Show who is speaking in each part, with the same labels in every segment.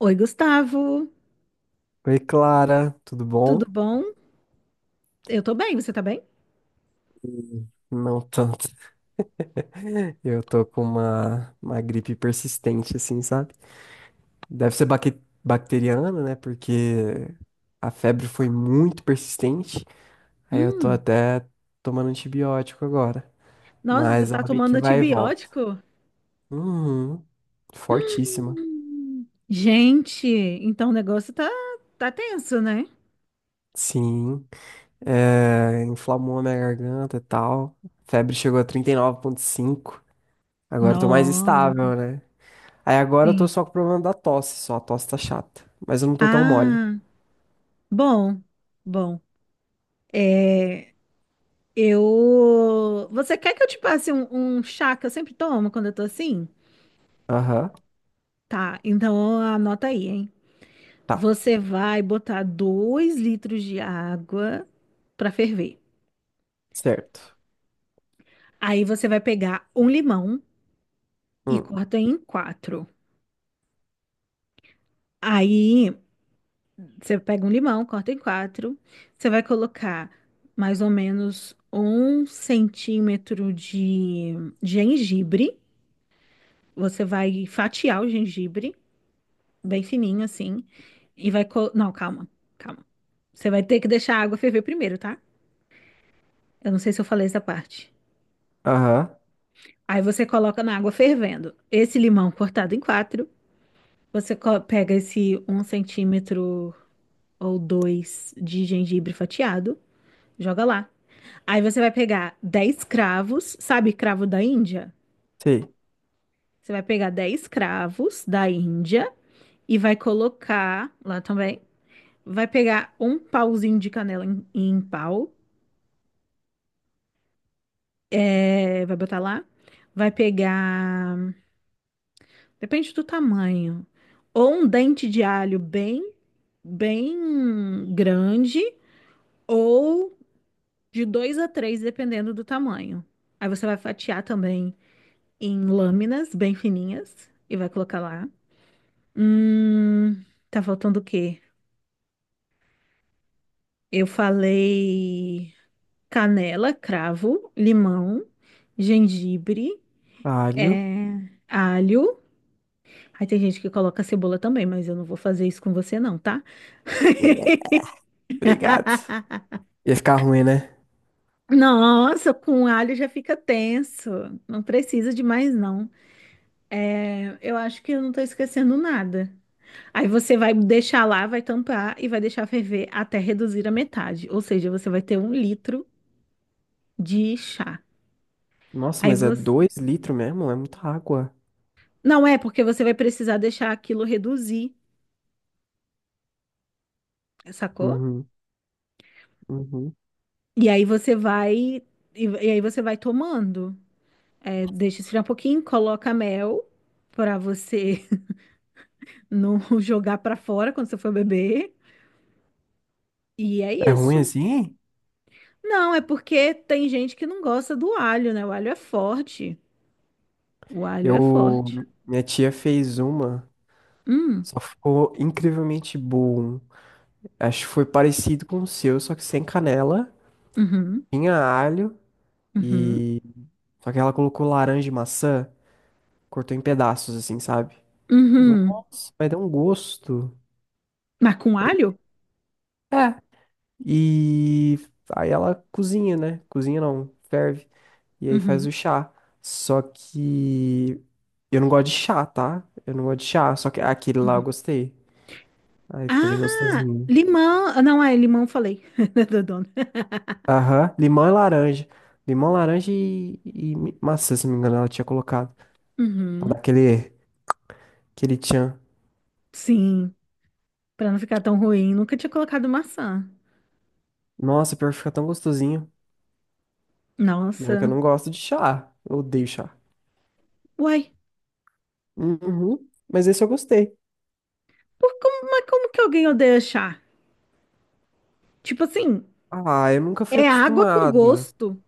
Speaker 1: Oi, Gustavo,
Speaker 2: Oi, Clara, tudo
Speaker 1: tudo
Speaker 2: bom?
Speaker 1: bom? Eu tô bem, você tá bem?
Speaker 2: Não tanto. Eu tô com uma gripe persistente, assim, sabe? Deve ser bacteriana, né? Porque a febre foi muito persistente. Aí eu tô
Speaker 1: Hum,
Speaker 2: até tomando antibiótico agora.
Speaker 1: nossa, você
Speaker 2: Mas
Speaker 1: tá
Speaker 2: ela meio
Speaker 1: tomando
Speaker 2: que vai e volta.
Speaker 1: antibiótico?
Speaker 2: Uhum, fortíssima.
Speaker 1: Gente, então o negócio tá tenso, né?
Speaker 2: Sim. É, inflamou a minha garganta e tal. Febre chegou a 39,5. Agora eu tô mais
Speaker 1: Nossa,
Speaker 2: estável, né? Aí agora eu tô
Speaker 1: sim.
Speaker 2: só com o problema da tosse, só a tosse tá chata. Mas eu não tô tão mole.
Speaker 1: Ah, bom, bom. É, eu. Você quer que eu te passe um chá que eu sempre tomo quando eu tô assim?
Speaker 2: Aham,
Speaker 1: Tá, então anota aí, hein?
Speaker 2: tá,
Speaker 1: Você vai botar 2 litros de água pra ferver.
Speaker 2: certo.
Speaker 1: Aí você vai pegar um limão e
Speaker 2: Hum,
Speaker 1: corta em quatro. Aí você pega um limão, corta em quatro. Você vai colocar mais ou menos 1 centímetro de gengibre. Você vai fatiar o gengibre, bem fininho assim. Não, calma, calma. Você vai ter que deixar a água ferver primeiro, tá? Eu não sei se eu falei essa parte.
Speaker 2: Aham,
Speaker 1: Aí você coloca na água fervendo esse limão cortado em quatro. Você pega esse 1 centímetro ou dois de gengibre fatiado, joga lá. Aí você vai pegar 10 cravos, sabe cravo da Índia?
Speaker 2: sei.
Speaker 1: Você vai pegar 10 cravos da Índia e vai colocar lá também. Vai pegar um pauzinho de canela em pau, vai botar lá. Vai pegar, depende do tamanho, ou um dente de alho bem, bem grande, ou de dois a três, dependendo do tamanho. Aí você vai fatiar também em lâminas bem fininhas e vai colocar lá. Hum, tá faltando o quê? Eu falei canela, cravo, limão, gengibre,
Speaker 2: Alho.
Speaker 1: é, alho. Aí tem gente que coloca cebola também, mas eu não vou fazer isso com você não, tá?
Speaker 2: É, obrigado. Ia ficar ruim, né?
Speaker 1: Nossa, com alho já fica tenso. Não precisa de mais não. É, eu acho que eu não tô esquecendo nada. Aí você vai deixar lá, vai tampar e vai deixar ferver até reduzir a metade. Ou seja, você vai ter 1 litro de chá.
Speaker 2: Nossa,
Speaker 1: Aí
Speaker 2: mas é
Speaker 1: você.
Speaker 2: dois litros mesmo? É muita água.
Speaker 1: Não é, porque você vai precisar deixar aquilo reduzir, sacou?
Speaker 2: Uhum, uhum.
Speaker 1: E aí você vai. E aí você vai tomando. É, deixa esfriar um pouquinho, coloca mel pra você não jogar pra fora quando você for beber. E é
Speaker 2: É ruim
Speaker 1: isso.
Speaker 2: assim?
Speaker 1: Não, é porque tem gente que não gosta do alho, né? O alho é forte. O alho é
Speaker 2: Eu.
Speaker 1: forte.
Speaker 2: Minha tia fez uma,
Speaker 1: Hum,
Speaker 2: só ficou incrivelmente bom. Acho que foi parecido com o seu, só que sem canela.
Speaker 1: uhum,
Speaker 2: Tinha alho
Speaker 1: uhum,
Speaker 2: e. Só que ela colocou laranja e maçã. Cortou em pedaços, assim, sabe?
Speaker 1: uhum.
Speaker 2: Nossa, mas dá um gosto.
Speaker 1: Mas com alho?
Speaker 2: É. E aí ela cozinha, né? Cozinha não, ferve. E aí faz o
Speaker 1: Uhum,
Speaker 2: chá. Só que eu não gosto de chá, tá? Eu não gosto de chá, só que aquele lá eu
Speaker 1: uhum.
Speaker 2: gostei. Aí ficou bem
Speaker 1: Ah,
Speaker 2: gostosinho.
Speaker 1: limão. Ah, não, é limão, falei. Do dono.
Speaker 2: Aham, limão e laranja. Limão, laranja e, maçã, se não me engano, ela tinha colocado. Pra dar
Speaker 1: Uhum,
Speaker 2: aquele tchan.
Speaker 1: sim, pra não ficar tão ruim, nunca tinha colocado maçã.
Speaker 2: Nossa, pior que fica tão gostosinho. E olha que eu
Speaker 1: Nossa.
Speaker 2: não gosto de chá. Eu odeio chá.
Speaker 1: Uai,
Speaker 2: Uhum. Mas esse eu gostei.
Speaker 1: mas como que alguém odeia chá? Tipo assim,
Speaker 2: Ah, eu nunca fui
Speaker 1: é água com
Speaker 2: acostumado.
Speaker 1: gosto.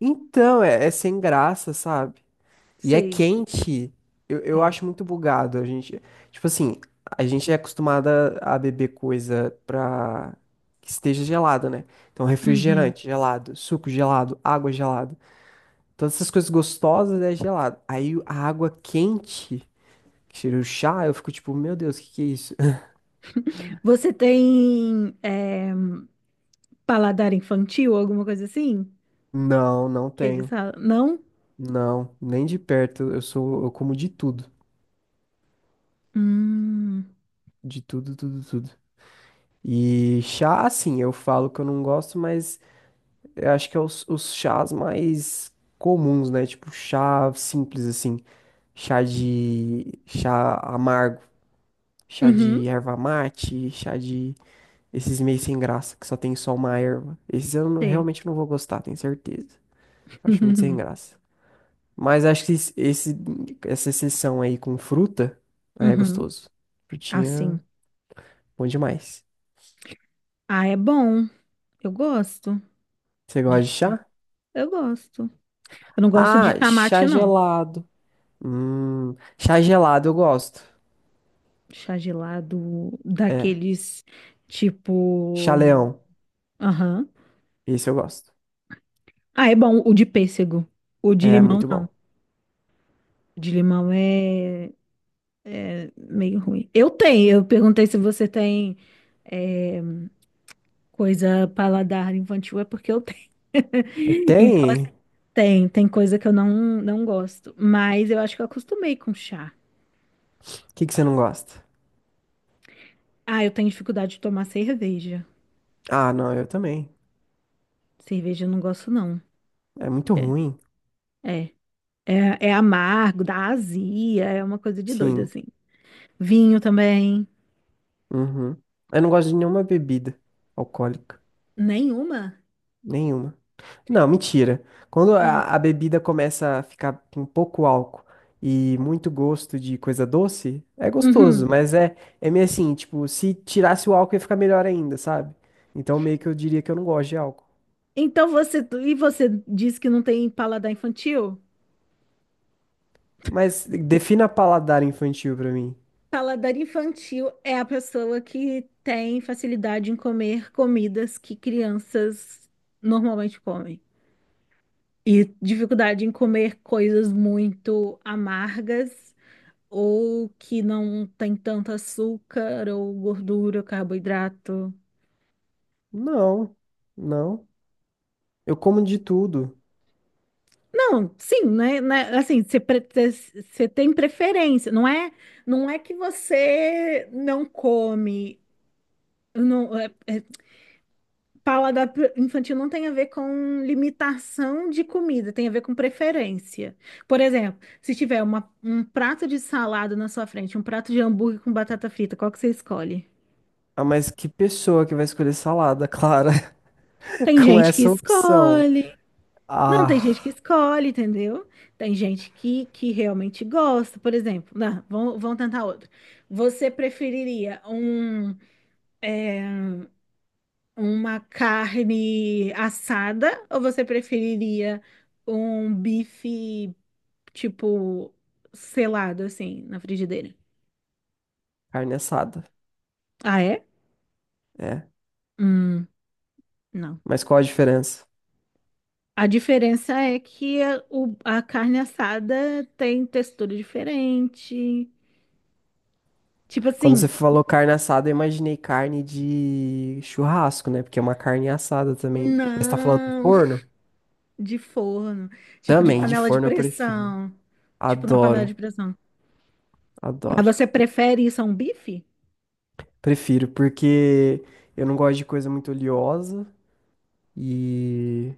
Speaker 2: Então, é sem graça, sabe? E é
Speaker 1: Sei,
Speaker 2: quente. Eu
Speaker 1: é.
Speaker 2: acho muito bugado. A gente, tipo assim, a gente é acostumada a beber coisa pra que esteja gelada, né? Então,
Speaker 1: Uhum.
Speaker 2: refrigerante gelado, suco gelado, água gelada. Todas essas coisas gostosas é gelado. Aí a água quente, que cheira o chá, eu fico tipo, meu Deus, o que que é isso?
Speaker 1: Você tem paladar infantil, alguma coisa assim?
Speaker 2: Não, não
Speaker 1: Que eles
Speaker 2: tenho.
Speaker 1: falam, não?
Speaker 2: Não, nem de perto. Eu sou, eu como
Speaker 1: Hum.
Speaker 2: de tudo, tudo, tudo. E chá, assim, eu falo que eu não gosto, mas eu acho que é os chás mais comuns, né? Tipo chá simples, assim, chá amargo, chá
Speaker 1: Uhum.
Speaker 2: de erva mate, chá de esses meio sem graça que só tem só uma erva. Esses eu não-
Speaker 1: Sei.
Speaker 2: realmente não vou gostar, tenho certeza. Acho muito sem graça. Mas acho que essa exceção aí com fruta aí é
Speaker 1: Uhum.
Speaker 2: gostoso. Frutinha,
Speaker 1: Assim.
Speaker 2: bom demais.
Speaker 1: Ah, é bom. Eu gosto
Speaker 2: Você
Speaker 1: de
Speaker 2: gosta de
Speaker 1: chá.
Speaker 2: chá?
Speaker 1: Eu gosto. Eu não gosto de
Speaker 2: Ah,
Speaker 1: chá mate,
Speaker 2: chá
Speaker 1: não.
Speaker 2: gelado. Chá gelado eu gosto.
Speaker 1: Chá gelado,
Speaker 2: É,
Speaker 1: daqueles
Speaker 2: chá
Speaker 1: tipo.
Speaker 2: leão.
Speaker 1: Aham.
Speaker 2: Esse eu gosto.
Speaker 1: Ah, é bom o de pêssego. O de
Speaker 2: É
Speaker 1: limão,
Speaker 2: muito
Speaker 1: não.
Speaker 2: bom.
Speaker 1: O de limão é meio ruim. Eu tenho. Eu perguntei se você tem é, coisa paladar infantil, é porque eu tenho.
Speaker 2: Você
Speaker 1: Então, assim,
Speaker 2: tem? O
Speaker 1: tem coisa que eu não, não gosto, mas eu acho que eu acostumei com chá.
Speaker 2: que que você não gosta?
Speaker 1: Ah, eu tenho dificuldade de tomar cerveja.
Speaker 2: Ah, não, eu também.
Speaker 1: Cerveja eu não gosto, não.
Speaker 2: É muito ruim.
Speaker 1: É, é amargo, dá azia, é uma coisa de doido,
Speaker 2: Sim.
Speaker 1: assim. Vinho também.
Speaker 2: Uhum. Eu não gosto de nenhuma bebida alcoólica.
Speaker 1: Nenhuma?
Speaker 2: Nenhuma. Não, mentira. Quando
Speaker 1: Hum.
Speaker 2: a bebida começa a ficar com pouco álcool e muito gosto de coisa doce, é gostoso,
Speaker 1: Uhum.
Speaker 2: mas é meio assim, tipo, se tirasse o álcool ia ficar melhor ainda, sabe? Então meio que eu diria que eu não gosto de álcool.
Speaker 1: Então e você diz que não tem paladar infantil?
Speaker 2: Mas defina paladar infantil pra mim.
Speaker 1: Paladar infantil é a pessoa que tem facilidade em comer comidas que crianças normalmente comem. E dificuldade em comer coisas muito amargas ou que não tem tanto açúcar ou gordura, carboidrato.
Speaker 2: Não, não. Eu como de tudo.
Speaker 1: Não, sim, né? Assim, você tem preferência. Não é que você não come. Não, é paladar infantil não tem a ver com limitação de comida, tem a ver com preferência. Por exemplo, se tiver um prato de salada na sua frente, um prato de hambúrguer com batata frita, qual que você escolhe?
Speaker 2: Ah, mas que pessoa que vai escolher salada, Clara,
Speaker 1: Tem
Speaker 2: com
Speaker 1: gente que
Speaker 2: essa opção?
Speaker 1: escolhe. Não, tem gente que
Speaker 2: Ah,
Speaker 1: escolhe, entendeu? Tem gente que realmente gosta. Por exemplo, não, vamos tentar outro. Você preferiria uma carne assada ou você preferiria um bife? Tipo, selado assim na frigideira.
Speaker 2: carne assada.
Speaker 1: Ah, é?
Speaker 2: É.
Speaker 1: Hum, não.
Speaker 2: Mas qual a diferença?
Speaker 1: A diferença é que a carne assada tem textura diferente. Tipo
Speaker 2: Quando você
Speaker 1: assim,
Speaker 2: falou carne assada, eu imaginei carne de churrasco, né? Porque é uma carne assada também. Mas tá falando do
Speaker 1: não,
Speaker 2: forno?
Speaker 1: de forno, tipo de
Speaker 2: Também, de
Speaker 1: panela de
Speaker 2: forno eu prefiro.
Speaker 1: pressão. Tipo na panela de
Speaker 2: Adoro,
Speaker 1: pressão. Mas
Speaker 2: adoro.
Speaker 1: você prefere isso a um bife?
Speaker 2: Prefiro, porque eu não gosto de coisa muito oleosa e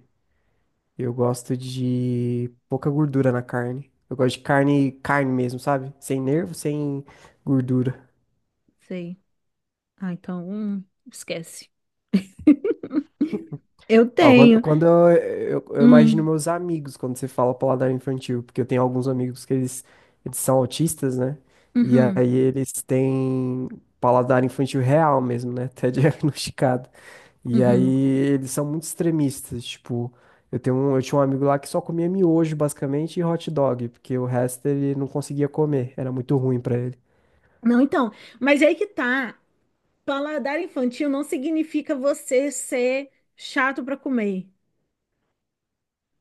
Speaker 2: eu gosto de pouca gordura na carne. Eu gosto de carne, carne mesmo, sabe? Sem nervo, sem gordura.
Speaker 1: Sei. Ah, então, esquece. Eu
Speaker 2: Ó, quando,
Speaker 1: tenho.
Speaker 2: quando eu, eu, eu imagino
Speaker 1: Hum,
Speaker 2: meus amigos quando você fala paladar infantil, porque eu tenho alguns amigos eles são autistas, né? E
Speaker 1: uhum,
Speaker 2: aí eles têm paladar infantil real mesmo, né? Até diagnosticado. E aí
Speaker 1: uhum.
Speaker 2: eles são muito extremistas, tipo, eu tinha um amigo lá que só comia miojo basicamente e hot dog, porque o resto ele não conseguia comer, era muito ruim pra ele.
Speaker 1: Não, então, mas aí que tá. Paladar infantil não significa você ser chato para comer.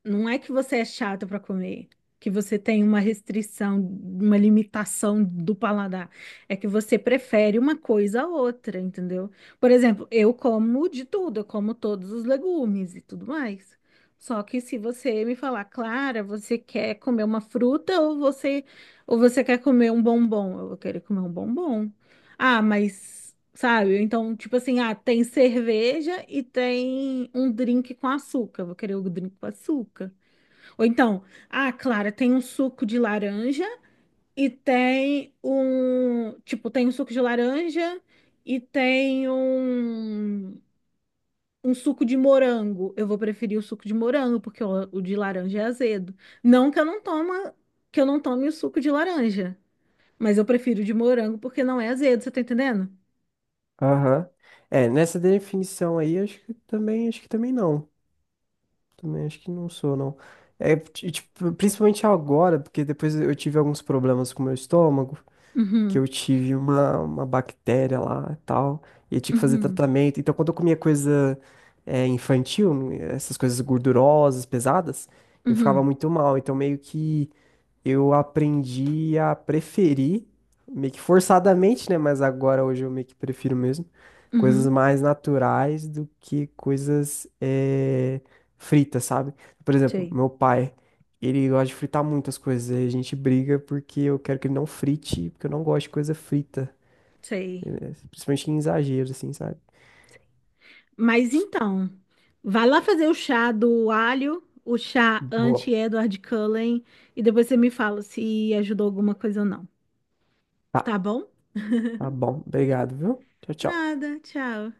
Speaker 1: Não é que você é chato para comer, que você tem uma restrição, uma limitação do paladar. É que você prefere uma coisa a outra, entendeu? Por exemplo, eu como de tudo, eu como todos os legumes e tudo mais. Só que se você me falar, Clara, você quer comer uma fruta ou você quer comer um bombom? Eu vou querer comer um bombom. Ah, mas sabe? Então, tipo assim, ah, tem cerveja e tem um drink com açúcar. Vou querer o drink com açúcar. Ou então, ah, Clara, tem um suco de laranja e tem um, tipo, tem um suco de laranja e tem um suco de morango. Eu vou preferir o suco de morango, porque o de laranja é azedo. Não que eu não toma, que eu não tome o suco de laranja, mas eu prefiro o de morango porque não é azedo, você tá entendendo?
Speaker 2: Aham. É, nessa definição aí, acho que também não. Também acho que não sou, não. É, e, tipo, principalmente agora, porque depois eu tive alguns problemas com o meu estômago, que
Speaker 1: Uhum,
Speaker 2: eu tive uma bactéria lá e tal, e eu tinha que fazer
Speaker 1: uhum,
Speaker 2: tratamento. Então, quando eu comia coisa infantil, essas coisas gordurosas, pesadas, eu ficava
Speaker 1: uhum.
Speaker 2: muito mal. Então, meio que eu aprendi a preferir, meio que forçadamente, né? Mas agora hoje eu meio que prefiro mesmo, coisas
Speaker 1: Uhum,
Speaker 2: mais naturais do que coisas fritas, sabe? Por exemplo,
Speaker 1: sei,
Speaker 2: meu pai, ele gosta de fritar muitas coisas, aí a gente briga porque eu quero que ele não frite, porque eu não gosto de coisa frita,
Speaker 1: sei.
Speaker 2: principalmente em exagero, assim, sabe?
Speaker 1: Mas então, vai lá fazer o chá do alho, o chá
Speaker 2: Boa.
Speaker 1: anti-Edward Cullen, e depois você me fala se ajudou alguma coisa ou não.
Speaker 2: Tá,
Speaker 1: Tá bom?
Speaker 2: tá bom, obrigado, viu? Tchau, tchau.
Speaker 1: Nada, tchau.